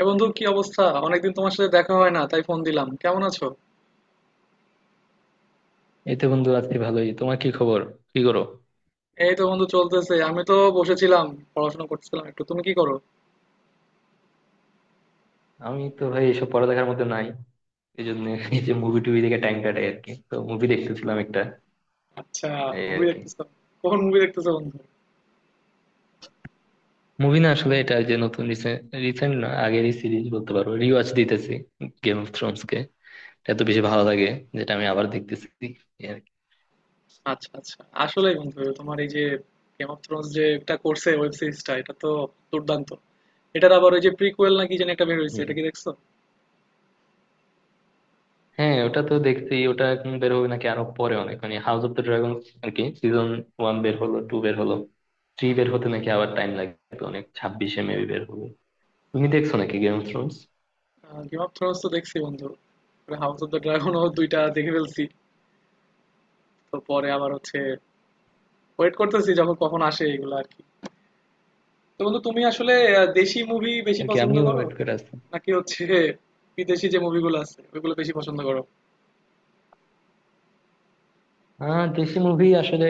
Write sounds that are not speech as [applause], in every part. এ বন্ধু, কি অবস্থা? অনেকদিন তোমার সাথে দেখা হয় না, তাই ফোন দিলাম। কেমন আছো? এই তো বন্ধু, আছি ভালোই। তোমার কি খবর? কি করো? এই তো বন্ধু, চলতেছে। আমি তো বসেছিলাম, পড়াশোনা করতেছিলাম একটু। তুমি কি করো? আমি তো ভাই এসব পড়ালেখার মধ্যে নাই, এই জন্য এই যে মুভি টুভি দেখে টাইম কাটাই আর কি। তো মুভি দেখতেছিলাম একটা, আচ্ছা। এই মুভি আর কি। দেখতেছো? কখন মুভি দেখতেছো বন্ধু? মুভি না আসলে, এটা যে নতুন রিসেন্ট না, আগেরই সিরিজ বলতে পারো, রিওয়াচ দিতেছি। গেম অফ থ্রোনস কে এত বেশি ভালো লাগে, যেটা আমি আবার দেখতেছি, এই আর কি। আচ্ছা আচ্ছা, আসলেই বন্ধু, তোমার এই যে গেম অফ থ্রোনস যে এটা করছে ওয়েব সিরিজটা, এটা তো দুর্দান্ত। এটার আবার ওই যে প্রিকুয়েল নাকি যেন একটা বের হয়েছে, হুম। এটা কি দেখছো? হ্যাঁ ওটা তো দেখছি, ওটা এখন বের হবে নাকি আরো পরে অনেক, মানে হাউস অফ দ্য ড্রাগন আর কি। সিজন 1 বের হলো, 2 বের হলো, 3 বের হতে নাকি আবার টাইম লাগবে তো অনেক, 26-এ মেবি বের হবে। তুমি দেখছো নাকি game of thrones? Game of thrones তো দেখছি বন্ধু। হাউস অফ দ্য ড্রাগনও দুইটা দেখে ফেলছি। তো পরে আবার হচ্ছে, ওয়েট করতেছি যখন কখন আসে এগুলো আর কি। তো বন্ধু, তুমি আসলে দেশি মুভি বেশি আর কি পছন্দ আমিও করো, ওয়েট করে আছি। নাকি হচ্ছে বিদেশি যে মুভিগুলো আছে ওইগুলো বেশি পছন্দ করো? দেশি মুভি আসলে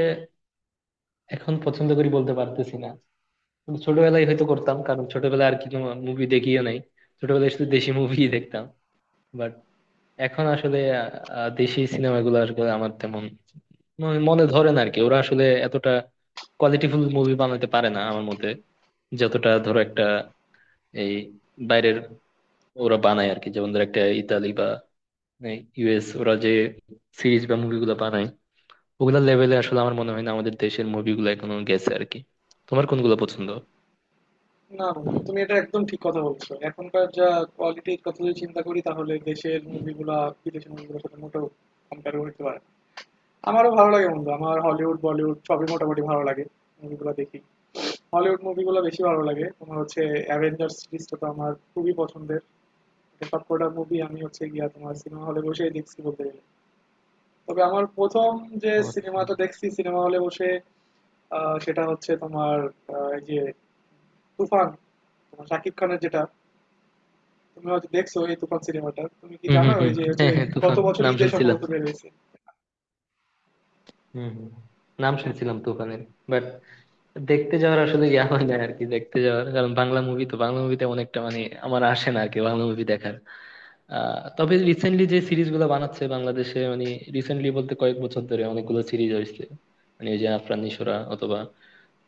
এখন পছন্দ করি বলতে পারতেছি না, কিন্তু ছোটবেলায় হয়তো করতাম, কারণ ছোটবেলায় আর কি কোনো মুভি দেখিও নাই, ছোটবেলায় শুধু দেশি মুভি দেখতাম। বাট এখন আসলে দেশি সিনেমাগুলো আসলে আমার তেমন মনে মনে ধরে না আর কি। ওরা আসলে এতটা কোয়ালিটিফুল মুভি বানাতে পারে না আমার মতে, যতটা ধরো একটা এই বাইরের ওরা বানায় আর কি। যেমন ধরো একটা ইতালি বা ইউএস, ওরা যে সিরিজ বা মুভিগুলো বানায়, ওগুলা লেভেলে আসলে আমার মনে হয় না আমাদের দেশের মুভিগুলো এখনো গেছে আর কি। তোমার কোনগুলো পছন্দ? না বন্ধু, তুমি এটা একদম ঠিক কথা বলছো। এখনকার যা কোয়ালিটির কথা যদি চিন্তা করি, তাহলে দেশের মুভিগুলা বিদেশের মুভিগুলোর সাথে মোটেও কম্পেয়ার করতে পারে না। আমারও ভালো লাগে বন্ধু, আমার হলিউড বলিউড সবই মোটামুটি ভালো লাগে। মুভিগুলো দেখি, হলিউড মুভিগুলো বেশি ভালো লাগে। তোমার হচ্ছে অ্যাভেঞ্জার্স সিরিজটা তো আমার খুবই পছন্দের। এটা সবকটা মুভি আমি হচ্ছে গিয়া তোমার সিনেমা হলে বসেই দেখছি বলতে গেলে। তবে আমার প্রথম যে তো আচ্ছা। সিনেমাটা দেখছি সিনেমা হলে বসে, আ সেটা হচ্ছে তোমার, এই যে 'তুফান', তোমার শাকিব খানের যেটা। তুমি হয়তো দেখছো এই 'তুফান' সিনেমাটা। তুমি কি হুম জানো হুম হুম। এই যে হচ্ছে হ্যাঁ হ্যাঁ গত তুফান, বছর নাম ঈদে শুনছিলাম। সম্ভবত বের হইছে। হুম হুম, নাম হ্যাঁ, শুনছিলাম তুফানের। বাট দেখতে যাওয়ার আসলে ইয়া হয় না আর কি, দেখতে যাওয়ার। কারণ বাংলা মুভি তো, বাংলা মুভিতে অনেকটা মানে আমার আসে না আর কি বাংলা মুভি দেখার। তবে রিসেন্টলি যে সিরিজ গুলো বানাচ্ছে বাংলাদেশে, মানে রিসেন্টলি বলতে কয়েক বছর ধরে অনেকগুলো সিরিজ হয়েছে। মানে ওই যে আফরান নিশোরা অথবা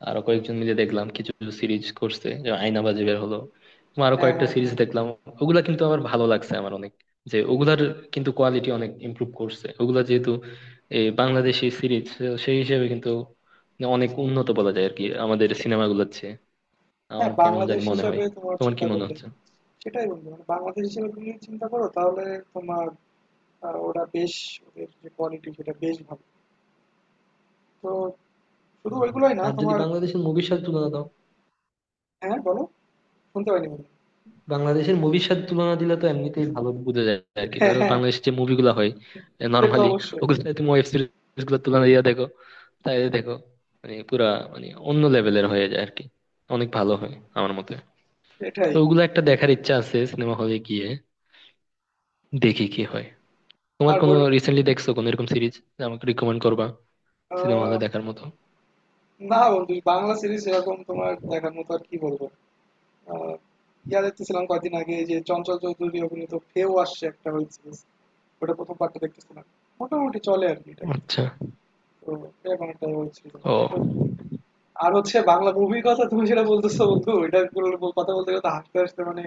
আরো কয়েকজন মিলে দেখলাম কিছু সিরিজ করছে, যে আয়নাবাজি বের হলো এবং আরো হ্যাঁ, কয়েকটা হ্যাঁ, সিরিজ হ্যাঁ। দেখলাম। ওগুলা কিন্তু আমার ভালো লাগছে আমার অনেক, যে ওগুলার কিন্তু কোয়ালিটি অনেক ইমপ্রুভ করছে। ওগুলা যেহেতু এই বাংলাদেশি সিরিজ, সেই হিসেবে কিন্তু অনেক উন্নত বলা যায় আর কি আমাদের সিনেমাগুলোর চেয়ে, আমার হ্যাঁ, কেমন জানি বাংলাদেশ মনে হয়। হিসাবে তোমার তোমার কি চিন্তা মনে করলে, হচ্ছে? সেটাই বন্ধু, মানে বাংলাদেশ হিসেবে তুমি চিন্তা করো, তাহলে তোমার, ওরা বেশ, ওদের যে কোয়ালিটি সেটা বেশ ভালো। তো শুধু ওইগুলোই না আর যদি তোমার। বাংলাদেশের মুভির সাথে তুলনা দাও, হ্যাঁ, বলো? শুনতে পাইনি বন্ধু। বাংলাদেশের মুভির সাথে তুলনা দিলে তো এমনিতেই ভালো বোঝা যায় আর কি। হ্যাঁ, ধরো হ্যাঁ, বাংলাদেশের যে মুভিগুলো হয় সে তো নর্মালি, অবশ্যই। ওগুলো সাথে তুমি ওয়েব সিরিজ গুলো তুলনা দিয়ে দেখো, তাই দেখো, মানে পুরা মানে অন্য লেভেলের হয়ে যায় আর কি, অনেক ভালো হয় আমার মতে। সেটাই। তো ওগুলো একটা দেখার ইচ্ছা আছে সিনেমা হলে গিয়ে, দেখি কি হয়। তোমার আর কোনো বল। রিসেন্টলি দেখছো কোনো এরকম সিরিজ, আমাকে রিকমেন্ড করবা সিনেমা হলে আহ, দেখার মতো? না বন্ধু, বাংলা সিরিজ এরকম তোমার দেখার মতো আর কি বলবো। আহ, ইয়া দেখতেছিলাম কদিন আগে যে চঞ্চল চৌধুরী অভিনীত ফেও আসছে একটা ওয়েব সিরিজ। ওটা প্রথম পার্টটা দেখতেছিলাম, মোটামুটি চলে আর কি টাইপের। আচ্ছা। তো এরকম একটা ওয়েব সিরিজ আর ও। কি। তো আর হচ্ছে বাংলা মুভির কথা তুমি যেটা বলতেছো বন্ধু, এটা কথা বলতে গেলে তো হাসতে হাসতে, মানে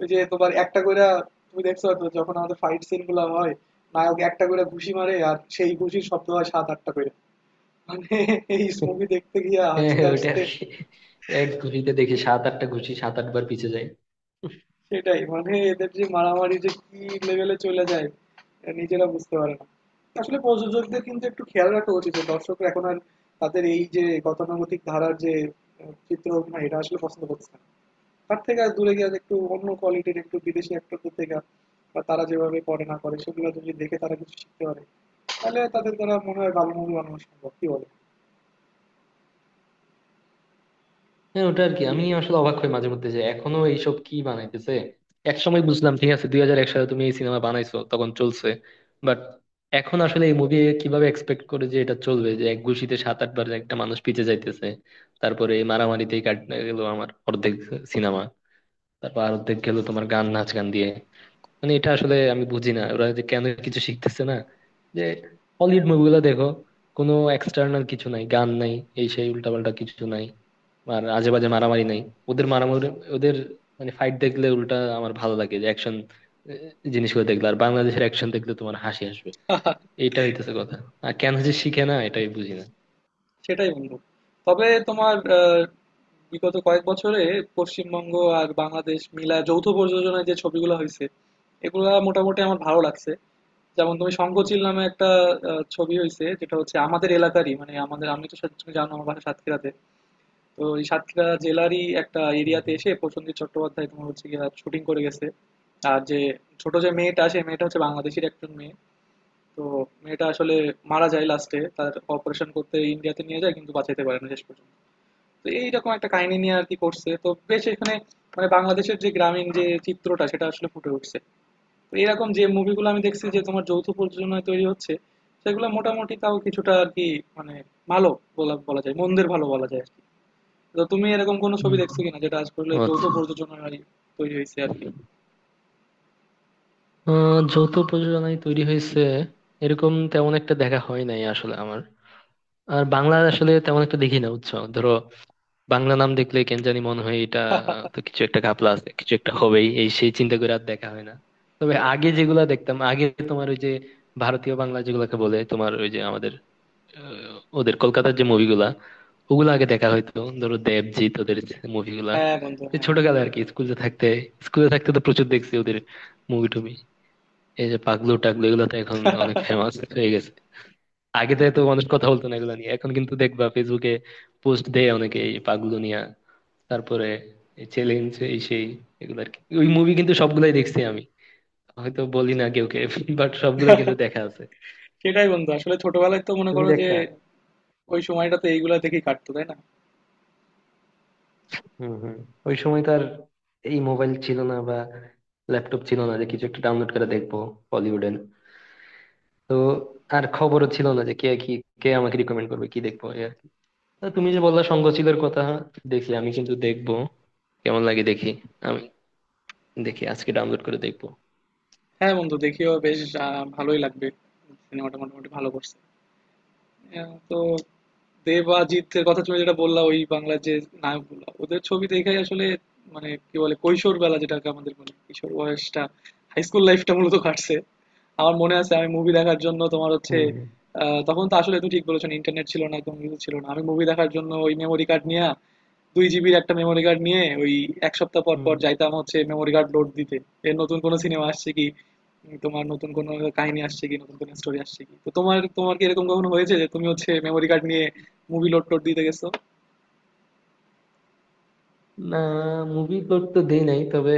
ওই যে তোমার একটা কইরা, তুমি দেখছো হয়তো যখন আমাদের ফাইট সিন গুলা হয়, নায়ক একটা করে ঘুষি মারে আর সেই ঘুষির শব্দ হয় সাত আটটা করে। মানে এই মুভি দেখতে গিয়ে হ্যাঁ হাসতে হ্যাঁ ওটা আর হাসতে। কি, এক ঘুষিতে দেখি 7-8টা ঘুষি, 7-8 বার পিছে যায়। সেটাই, মানে এদের যে মারামারি যে কি লেভেলে চলে যায়, এরা নিজেরা বুঝতে পারে না। আসলে প্রযোজকদের কিন্তু একটু খেয়াল রাখা উচিত যে দর্শকরা এখন আর তাদের এই যে গতানুগতিক ধারার যে চিত্র অভিনয় এটা আসলে পছন্দ করছে না। তার থেকে আর দূরে গিয়ে একটু অন্য কোয়ালিটির একটু বিদেশি অ্যাক্টরদের থেকে, বা তারা যেভাবে করে না করে, সেগুলো যদি দেখে তারা কিছু শিখতে পারে, তাহলে তাদের দ্বারা মনে হয় ভালো মুভি বানানো সম্ভব, কি বলে? হ্যাঁ ওটা আর কি। আমি আসলে অবাক হই মাঝে মধ্যে যে এখনো এইসব কি বানাইতেছে। এক সময় বুঝলাম, ঠিক আছে, 2001 সালে তুমি এই সিনেমা বানাইছো তখন চলছে, বাট এখন আসলে এই মুভি কিভাবে এক্সপেক্ট করে যে এটা চলবে, যে এক গুষিতে 7-8 বার একটা মানুষ পিছে যাইতেছে। তারপরে এই মারামারিতেই কাটতে গেল আমার অর্ধেক সিনেমা, তারপর আর অর্ধেক গেল তোমার গান নাচ গান দিয়ে। মানে এটা আসলে আমি বুঝি না ওরা যে কেন কিছু শিখতেছে না। যে হলিউড মুভিগুলো দেখো, কোনো এক্সটার্নাল কিছু নাই, গান নাই, এই সেই উল্টাপাল্টা কিছু নাই, আর আজে বাজে মারামারি নাই। ওদের মারামারি, ওদের মানে ফাইট দেখলে উল্টা আমার ভালো লাগে, যে অ্যাকশন জিনিসগুলো দেখলে। আর বাংলাদেশের অ্যাকশন দেখলে তোমার হাসি আসবে, এইটা হইতেছে কথা। আর কেন যে শিখে না এটাই বুঝি না। সেটাই বন্ধু। তবে তোমার বিগত কয়েক বছরে পশ্চিমবঙ্গ আর বাংলাদেশ মিলা যৌথ প্রযোজনায় যে ছবিগুলো হয়েছে, এগুলা মোটামুটি আমার ভালো লাগছে। যেমন তুমি হুম। শঙ্খচিল নামে একটা ছবি হয়েছে যেটা হচ্ছে আমাদের এলাকারই, মানে আমাদের, আমি তো তুমি জানো আমার বাসা সাতক্ষীরাতে। তো এই সাতক্ষীরা জেলারই একটা হুম। এরিয়াতে হুম। এসে প্রসেনজিৎ চট্টোপাধ্যায় তোমার হচ্ছে গিয়ে শুটিং করে গেছে। আর যে ছোট যে মেয়েটা, সে মেয়েটা হচ্ছে বাংলাদেশের একজন মেয়ে। তো মেয়েটা আসলে মারা যায় লাস্টে, তার অপারেশন করতে ইন্ডিয়াতে নিয়ে যায় কিন্তু বাঁচাইতে পারে না শেষ পর্যন্ত। তো এইরকম একটা কাহিনী নিয়ে আর কি করছে, তো বেশ এখানে মানে বাংলাদেশের যে গ্রামীণ যে চিত্রটা সেটা আসলে ফুটে উঠছে। তো এরকম যে মুভিগুলো আমি দেখছি যে তোমার যৌথ প্রযোজনায় তৈরি হচ্ছে, সেগুলো মোটামুটি তাও কিছুটা আর কি, মানে ভালো বলা বলা যায়, মন্দের ভালো বলা যায় আর কি। তো তুমি এরকম কোনো ছবি হুম। দেখছো কিনা হুম। যেটা আসলে যৌথ আচ্ছা। প্রযোজনায় তৈরি হয়েছে আর কি? যৌথ প্রযোজনায় তৈরি হয়েছে এরকম তেমন একটা দেখা হয় নাই আসলে আমার। আর বাংলা আসলে তেমন একটা দেখি না, বুঝছো। ধরো বাংলা নাম দেখলে কেন জানি মনে হয় এটা তো কিছু একটা ঘাপলা আছে, কিছু একটা হবেই এই সেই, চিন্তা করে আর দেখা হয় না। তবে আগে যেগুলা দেখতাম আগে, তোমার ওই যে ভারতীয় বাংলা যেগুলাকে বলে, তোমার ওই যে আমাদের ওদের কলকাতার যে মুভিগুলা, ওগুলো আগে দেখা হয়তো, ধরো দেবজিৎ ওদের মুভিগুলা, হ্যাঁ বন্ধু, হ্যাঁ। ছোটকালে আর কি, স্কুলে থাকতে। স্কুলে থাকতে তো প্রচুর দেখছি ওদের মুভি টুভি। এই যে পাগলু টাগলু, এগুলো তো এখন অনেক ফেমাস হয়ে গেছে, আগে তো এত মানুষ কথা বলতো না এগুলো নিয়ে, এখন কিন্তু দেখবা ফেসবুকে পোস্ট দেয় অনেকে এই পাগগুলো নিয়ে। তারপরে এই চ্যালেঞ্জ এই সেই, এগুলো আর কি। ওই মুভি কিন্তু সবগুলাই দেখছি আমি, হয়তো বলি না কেউ কে, বাট সবগুলাই কিন্তু দেখা আছে। সেটাই বন্ধু, আসলে ছোটবেলায় তো মনে তুমি করো যে দেখতা? ওই সময়টাতে এইগুলা দেখেই কাটতো, তাই না? হম হম। ওই সময় তো আর এই মোবাইল ছিল না বা ল্যাপটপ ছিল না, যে কিছু একটা ডাউনলোড করে দেখবো বলিউডের। তো আর খবরও ছিল না যে কে কি, কে আমাকে রিকমেন্ড করবে কি দেখবো, এই আর কি। তো তুমি যে বললা, সঙ্গ ছিল কথা, দেখি, আমি কিন্তু দেখবো, কেমন লাগে দেখি। আমি দেখি আজকে ডাউনলোড করে দেখবো। হ্যাঁ বন্ধু, দেখিও, বেশ ভালোই লাগবে। সিনেমাটা মোটামুটি ভালো করছে। তো দেব আর জিতের কথা তুমি যেটা বললা, ওই বাংলার যে নায়কগুলো, ওদের ছবি দেখে আসলে মানে কি বলে কৈশোর বেলা, যেটাকে আমাদের বলে কিশোর বয়সটা, হাই স্কুল লাইফটা মূলত কাটছে। আমার মনে আছে আমি মুভি দেখার জন্য তোমার হচ্ছে, হুম হুম। তখন তো আসলে তুমি ঠিক বলেছো, ইন্টারনেট ছিল না, একদম কিছু ছিল না। আমি মুভি দেখার জন্য ওই মেমোরি কার্ড নিয়ে, 2 জিবির একটা মেমোরি কার্ড নিয়ে ওই এক সপ্তাহ পর পর হুম। যাইতাম হচ্ছে মেমোরি কার্ড লোড দিতে। এর নতুন কোনো সিনেমা আসছে কি, তোমার নতুন কোনো কাহিনী আসছে কি, নতুন কোনো স্টোরি আসছে কি? তো তোমার, তোমার কি এরকম কখনো হয়েছে যে তুমি হচ্ছে মেমোরি কার্ড নিয়ে মুভি লোড টোড দিতে গেছো? না, মুভি লোড তো দেই নাই, তবে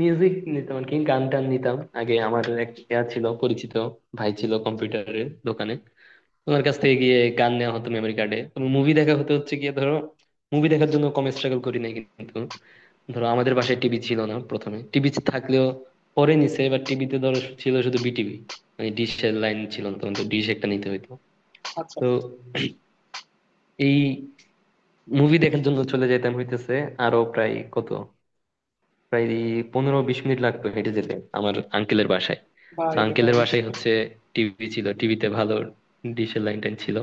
মিউজিক নিতাম আর কি, গান টান নিতাম আগে। আমার এক ইয়া ছিল পরিচিত, ভাই ছিল কম্পিউটারের দোকানে, ওনার কাছ থেকে গিয়ে গান নেওয়া হতো মেমোরি কার্ডে। তবে মুভি দেখা হতে হচ্ছে গিয়ে ধরো, মুভি দেখার জন্য কম স্ট্রাগল করি নাই কিন্তু। ধরো আমাদের বাসায় টিভি ছিল না প্রথমে, টিভি থাকলেও পরে নিছে, এবার টিভিতে ধরো ছিল শুধু বিটিভি, মানে ডিশের লাইন ছিল না তখন, তো ডিশ একটা নিতে হইতো। আচ্ছা। তো এই মুভি দেখার জন্য চলে যেতাম হইতেছে, আরো প্রায় কত, প্রায় 15-20 মিনিট লাগতো হেঁটে যেতে আমার আঙ্কেলের বাসায়। তো ভাই রে আঙ্কেলের ভাই। বাসায় হচ্ছে টিভি ছিল, টিভিতে ভালো ডিশের লাইন টাইন ছিল।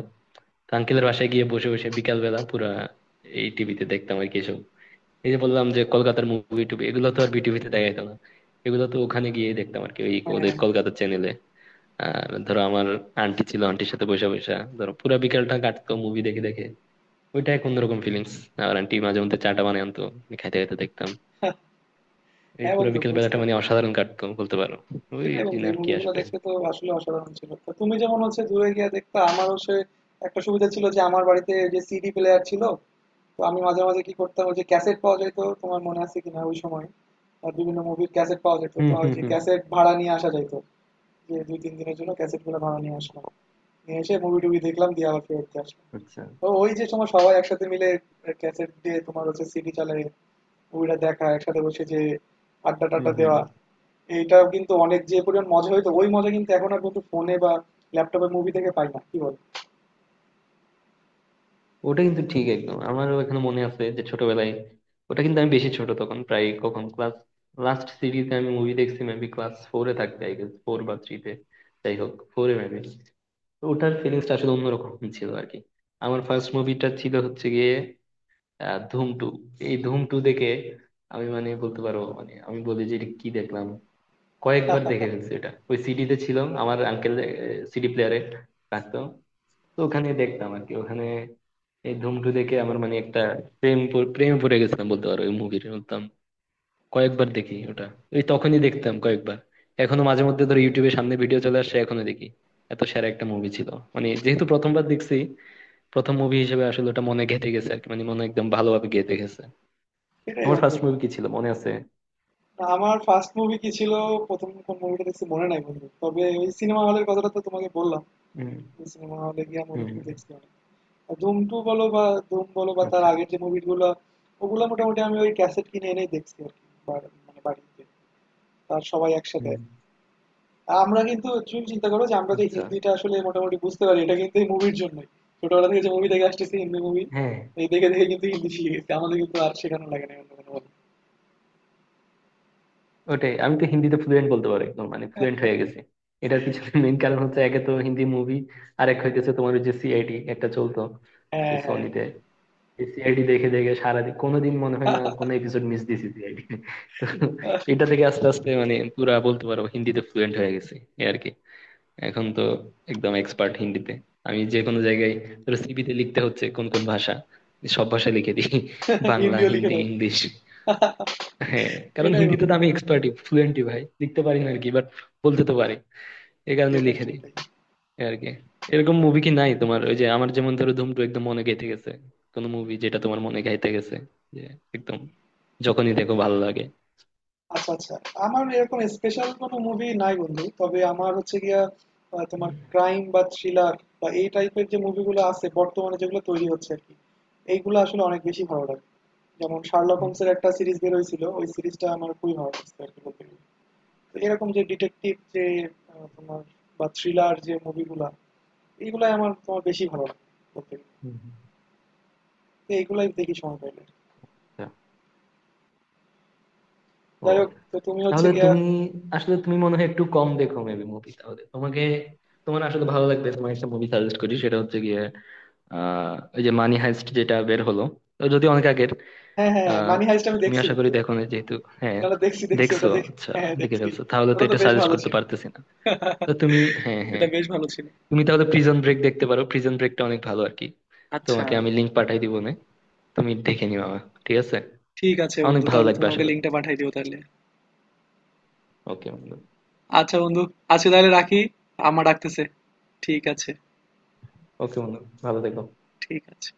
তো আঙ্কেলের বাসায় গিয়ে বসে বসে বিকাল বেলা পুরা এই টিভিতে দেখতাম আর কি এসব। এই যে বললাম যে কলকাতার মুভি টুভি, এগুলো তো আর বিটিভিতে দেখা যেত না, এগুলো তো ওখানে গিয়ে দেখতাম আর কি, ওই হ্যাঁ ওদের হ্যাঁ। কলকাতার চ্যানেলে। আর ধরো আমার আন্টি ছিল, আন্টির সাথে বসে বসে ধরো পুরা বিকালটা কাটতো মুভি দেখে দেখে, ওইটা এক অন্যরকম ফিলিংস। আর আন্টি মাঝে মধ্যে চাটা বানিয়ে আনতো, আমি খাইতে খাইতে দেখতাম। এই হ্যাঁ পুরো বন্ধু, বিকেল বুঝতে। বেলাটা মানে অসাধারণ কাটতো বলতে পারো, ওই সেটাই দিন বন্ধু, এই আর কি মুভিগুলো আসবে। দেখতে তো আসলে অসাধারণ ছিল। তো তুমি যেমন হচ্ছে দূরে গিয়ে দেখতে, আমার হচ্ছে একটা সুবিধা ছিল যে আমার বাড়িতে যে সিডি প্লেয়ার ছিল। তো আমি মাঝে মাঝে কি করতাম, ওই যে ক্যাসেট পাওয়া যেত তোমার মনে আছে কিনা ওই সময়, আর বিভিন্ন মুভির ক্যাসেট পাওয়া যেত, হুম তো ওই হুম যে হুম। ক্যাসেট ভাড়া নিয়ে আসা যেত, যে দুই তিন দিনের জন্য ক্যাসেট গুলো ভাড়া নিয়ে আসলাম, নিয়ে এসে মুভি টুভি দেখলাম দিয়ে আবার ফেরত দিয়ে আসলাম। আচ্ছা। তো ওই যে সময় সবাই একসাথে মিলে ক্যাসেট দিয়ে তোমার হচ্ছে সিডি চালায় মুভিটা দেখা, একসাথে বসে যে আড্ডা হুম টাড্ডা হুম। দেওয়া, এইটাও কিন্তু অনেক যে পরিমাণ মজা হইতো। ওই মজা কিন্তু এখন আর কিন্তু ফোনে বা ল্যাপটপে মুভি থেকে পাই না, কি বল? ওটা কিন্তু ঠিক একদম, আমারও এখানে মনে আছে যে ছোটবেলায়। ওটা কিন্তু আমি বেশি ছোট তখন, প্রায় কখন ক্লাস লাস্ট সিরিজে আমি মুভি দেখছি মেবি ক্লাস 4-এ থাকতে, আই গেস 4 বা 3-এ, যাই হোক 4-এ মেবি। ওটার ফিলিংসটা আসলে অন্যরকম ছিল আর কি। আমার ফার্স্ট মুভিটা ছিল হচ্ছে গিয়ে ধুম 2। এই ধুম 2 দেখে আমি মানে বলতে পারো মানে আমি বলি যে এটা কি দেখলাম, কয়েকবার দেখে ফেলছি এটা। ওই সিডিতে ছিল, আমার আঙ্কেল সিডি প্লেয়ারে রাখতো, তো ওখানে দেখতাম আর কি ওখানে। এই ধুম টু দেখে আমার মানে একটা প্রেমে পড়ে গেছিলাম বলতে পারো ওই মুভির, বলতাম কয়েকবার দেখি ওটা, ওই তখনই দেখতাম কয়েকবার। এখনো মাঝে মধ্যে ধরো ইউটিউবে সামনে ভিডিও চলে আসছে এখনো দেখি, এত সেরা একটা মুভি ছিল। মানে যেহেতু প্রথমবার দেখছি, প্রথম মুভি হিসেবে আসলে ওটা মনে গেঁথে গেছে আর কি, মানে মনে একদম ভালোভাবে গেঁথে গেছে। সেটাই তোমার বন্ধু। ফার্স্ট মুভি কি ছিল মনে আছে? না, আমার ফার্স্ট মুভি কি ছিল, প্রথম কোন মুভিটা দেখছি মনে নাই বন্ধু, তবে ওই সিনেমা হলের কথাটা তো তোমাকে বললাম। হুম সিনেমা হলে গিয়ে মুভি হুম। টুভি হুম, দেখছি অনেক। আর ধুম টু বলো বা ধুম বলো বা তার আচ্ছা। আগের যে মুভিগুলো, ওগুলো মোটামুটি আমি ওই ক্যাসেট কিনে এনেই দেখছি আর কি, মানে বাড়িতে, তার সবাই একসাথে। হুম। আর আমরা কিন্তু, তুমি চিন্তা করো যে আমরা যে আচ্ছা। হিন্দিটা আসলে মোটামুটি বুঝতে পারি, এটা কিন্তু এই মুভির জন্যই। ছোটবেলা থেকে যে মুভি দেখে আসতেছি হিন্দি মুভি, হ্যাঁ। এই দেখে দেখে কিন্তু হিন্দি শিখে গেছি, আমাদের কিন্তু আর শেখানো লাগে না অন্য কোনো বলে। ওটাই, আমি তো হিন্দিতে ফ্লুয়েন্ট বলতে পারি একদম, মানে ফ্লুয়েন্ট হয়ে গেছি। এটার পিছনে মেইন কারণ হচ্ছে একে তো হিন্দি মুভি, আর এক হইতেছে তোমার ওই যে সিআইডি একটা চলতো হ্যাঁ এই হ্যাঁ। সনিতে, সিআইডি দেখে দেখে সারাদিন। কোনোদিন মনে হয় না কোনো এপিসোড মিস দিছি সিআইডি। [laughs] এটা [laughs] থেকে আস্তে আস্তে মানে পুরা বলতে পারো হিন্দিতে ফ্লুয়েন্ট হয়ে গেছি, এই আর কি। এখন তো একদম এক্সপার্ট হিন্দিতে। আমি যে কোনো জায়গায় ধরো সিভিতে লিখতে হচ্ছে কোন কোন ভাষা, সব ভাষা লিখে দিই, বাংলা হিন্দিও লিখে হিন্দি দাও। ইংলিশ। হ্যাঁ, কারণ সেটাই হিন্দিতে বন্ধু। তো আমি এক্সপার্টই, ফ্লুয়েন্টই ভাই, লিখতে পারি না আর কি বাট, বলতে তো পারি, এই কারণে সেটাই লিখে দিই, সেটাই। এই আর কি। এরকম মুভি কি নাই তোমার, ওই যে আমার যেমন ধরো ধুম 2 একদম মনে গেঁথে গেছে, কোন মুভি যেটা তোমার মনে গাইতে গেছে, যে একদম যখনই দেখো ভালো লাগে? আচ্ছা আচ্ছা, আমার এরকম স্পেশাল কোনো মুভি নাই বন্ধু, তবে আমার হচ্ছে গিয়া হুম, তোমার ক্রাইম বা থ্রিলার বা এই টাইপের যে মুভিগুলো আছে বর্তমানে, যেগুলো তৈরি হচ্ছে আর কি, এইগুলো আসলে অনেক বেশি ভালো লাগে। যেমন শার্লক হুম, হুম। হোমসের একটা সিরিজ বের হয়েছিল, ওই সিরিজটা আমার খুবই ভালো লাগছে আর কি বলতে গেলে। তো এরকম যে ডিটেকটিভ যে তোমার বা থ্রিলার যে মুভিগুলা, এইগুলাই আমার তোমার বেশি ভালো লাগে বলতে গেলে। হুম। তো এইগুলাই দেখি সময় পাইলে। আচ্ছা। ও যাই হোক, তো তুমি হচ্ছে তাহলে গিয়া, তুমি আসলে, তুমি মনে হয় একটু কম দেখো মেবি মুভি, তাহলে তোমাকে, তোমার আসলে ভালো লাগবে, তোমার একটা মুভি সাজেস্ট করি, সেটা হচ্ছে গিয়ে ওই যে মানি হাইস্ট যেটা বের হলো, তো যদি অনেক আগের, হ্যাঁ, হ্যাঁ, আহ মানি হাইস্ট আমি তুমি দেখছি আশা করি বন্ধু। দেখো না যেহেতু। হ্যাঁ। না, না, দেখছি, দেখছি, দেখছো, ওটা দেখ। আচ্ছা। হ্যাঁ, হ্যাঁ, দেখে দেখছি। ফেলছো, তাহলে তো ওটা তো এটা বেশ সাজেস্ট ভালো করতে ছিল। পারতেছি না। তো তুমি, [laughs] হ্যাঁ এটা হ্যাঁ, বেশ ভালো ছিল। তুমি তাহলে প্রিজন ব্রেক দেখতে পারো, প্রিজন ব্রেকটা অনেক ভালো আর কি। আচ্ছা, তোমাকে আমি লিঙ্ক পাঠাই দিব না, তুমি দেখে নিও আমার, ঠিক আছে? ঠিক আছে অনেক বন্ধু। ভালো তাহলে লাগবে তুমি আশা আমাকে করি। লিংকটা পাঠিয়ে দিও তাহলে। ওকে বন্ধু। আচ্ছা বন্ধু, আজকে তাহলে রাখি। আম্মা ডাকতেছে। ঠিক আছে, ওকে বন্ধু, ভালো থেকো। ঠিক আছে।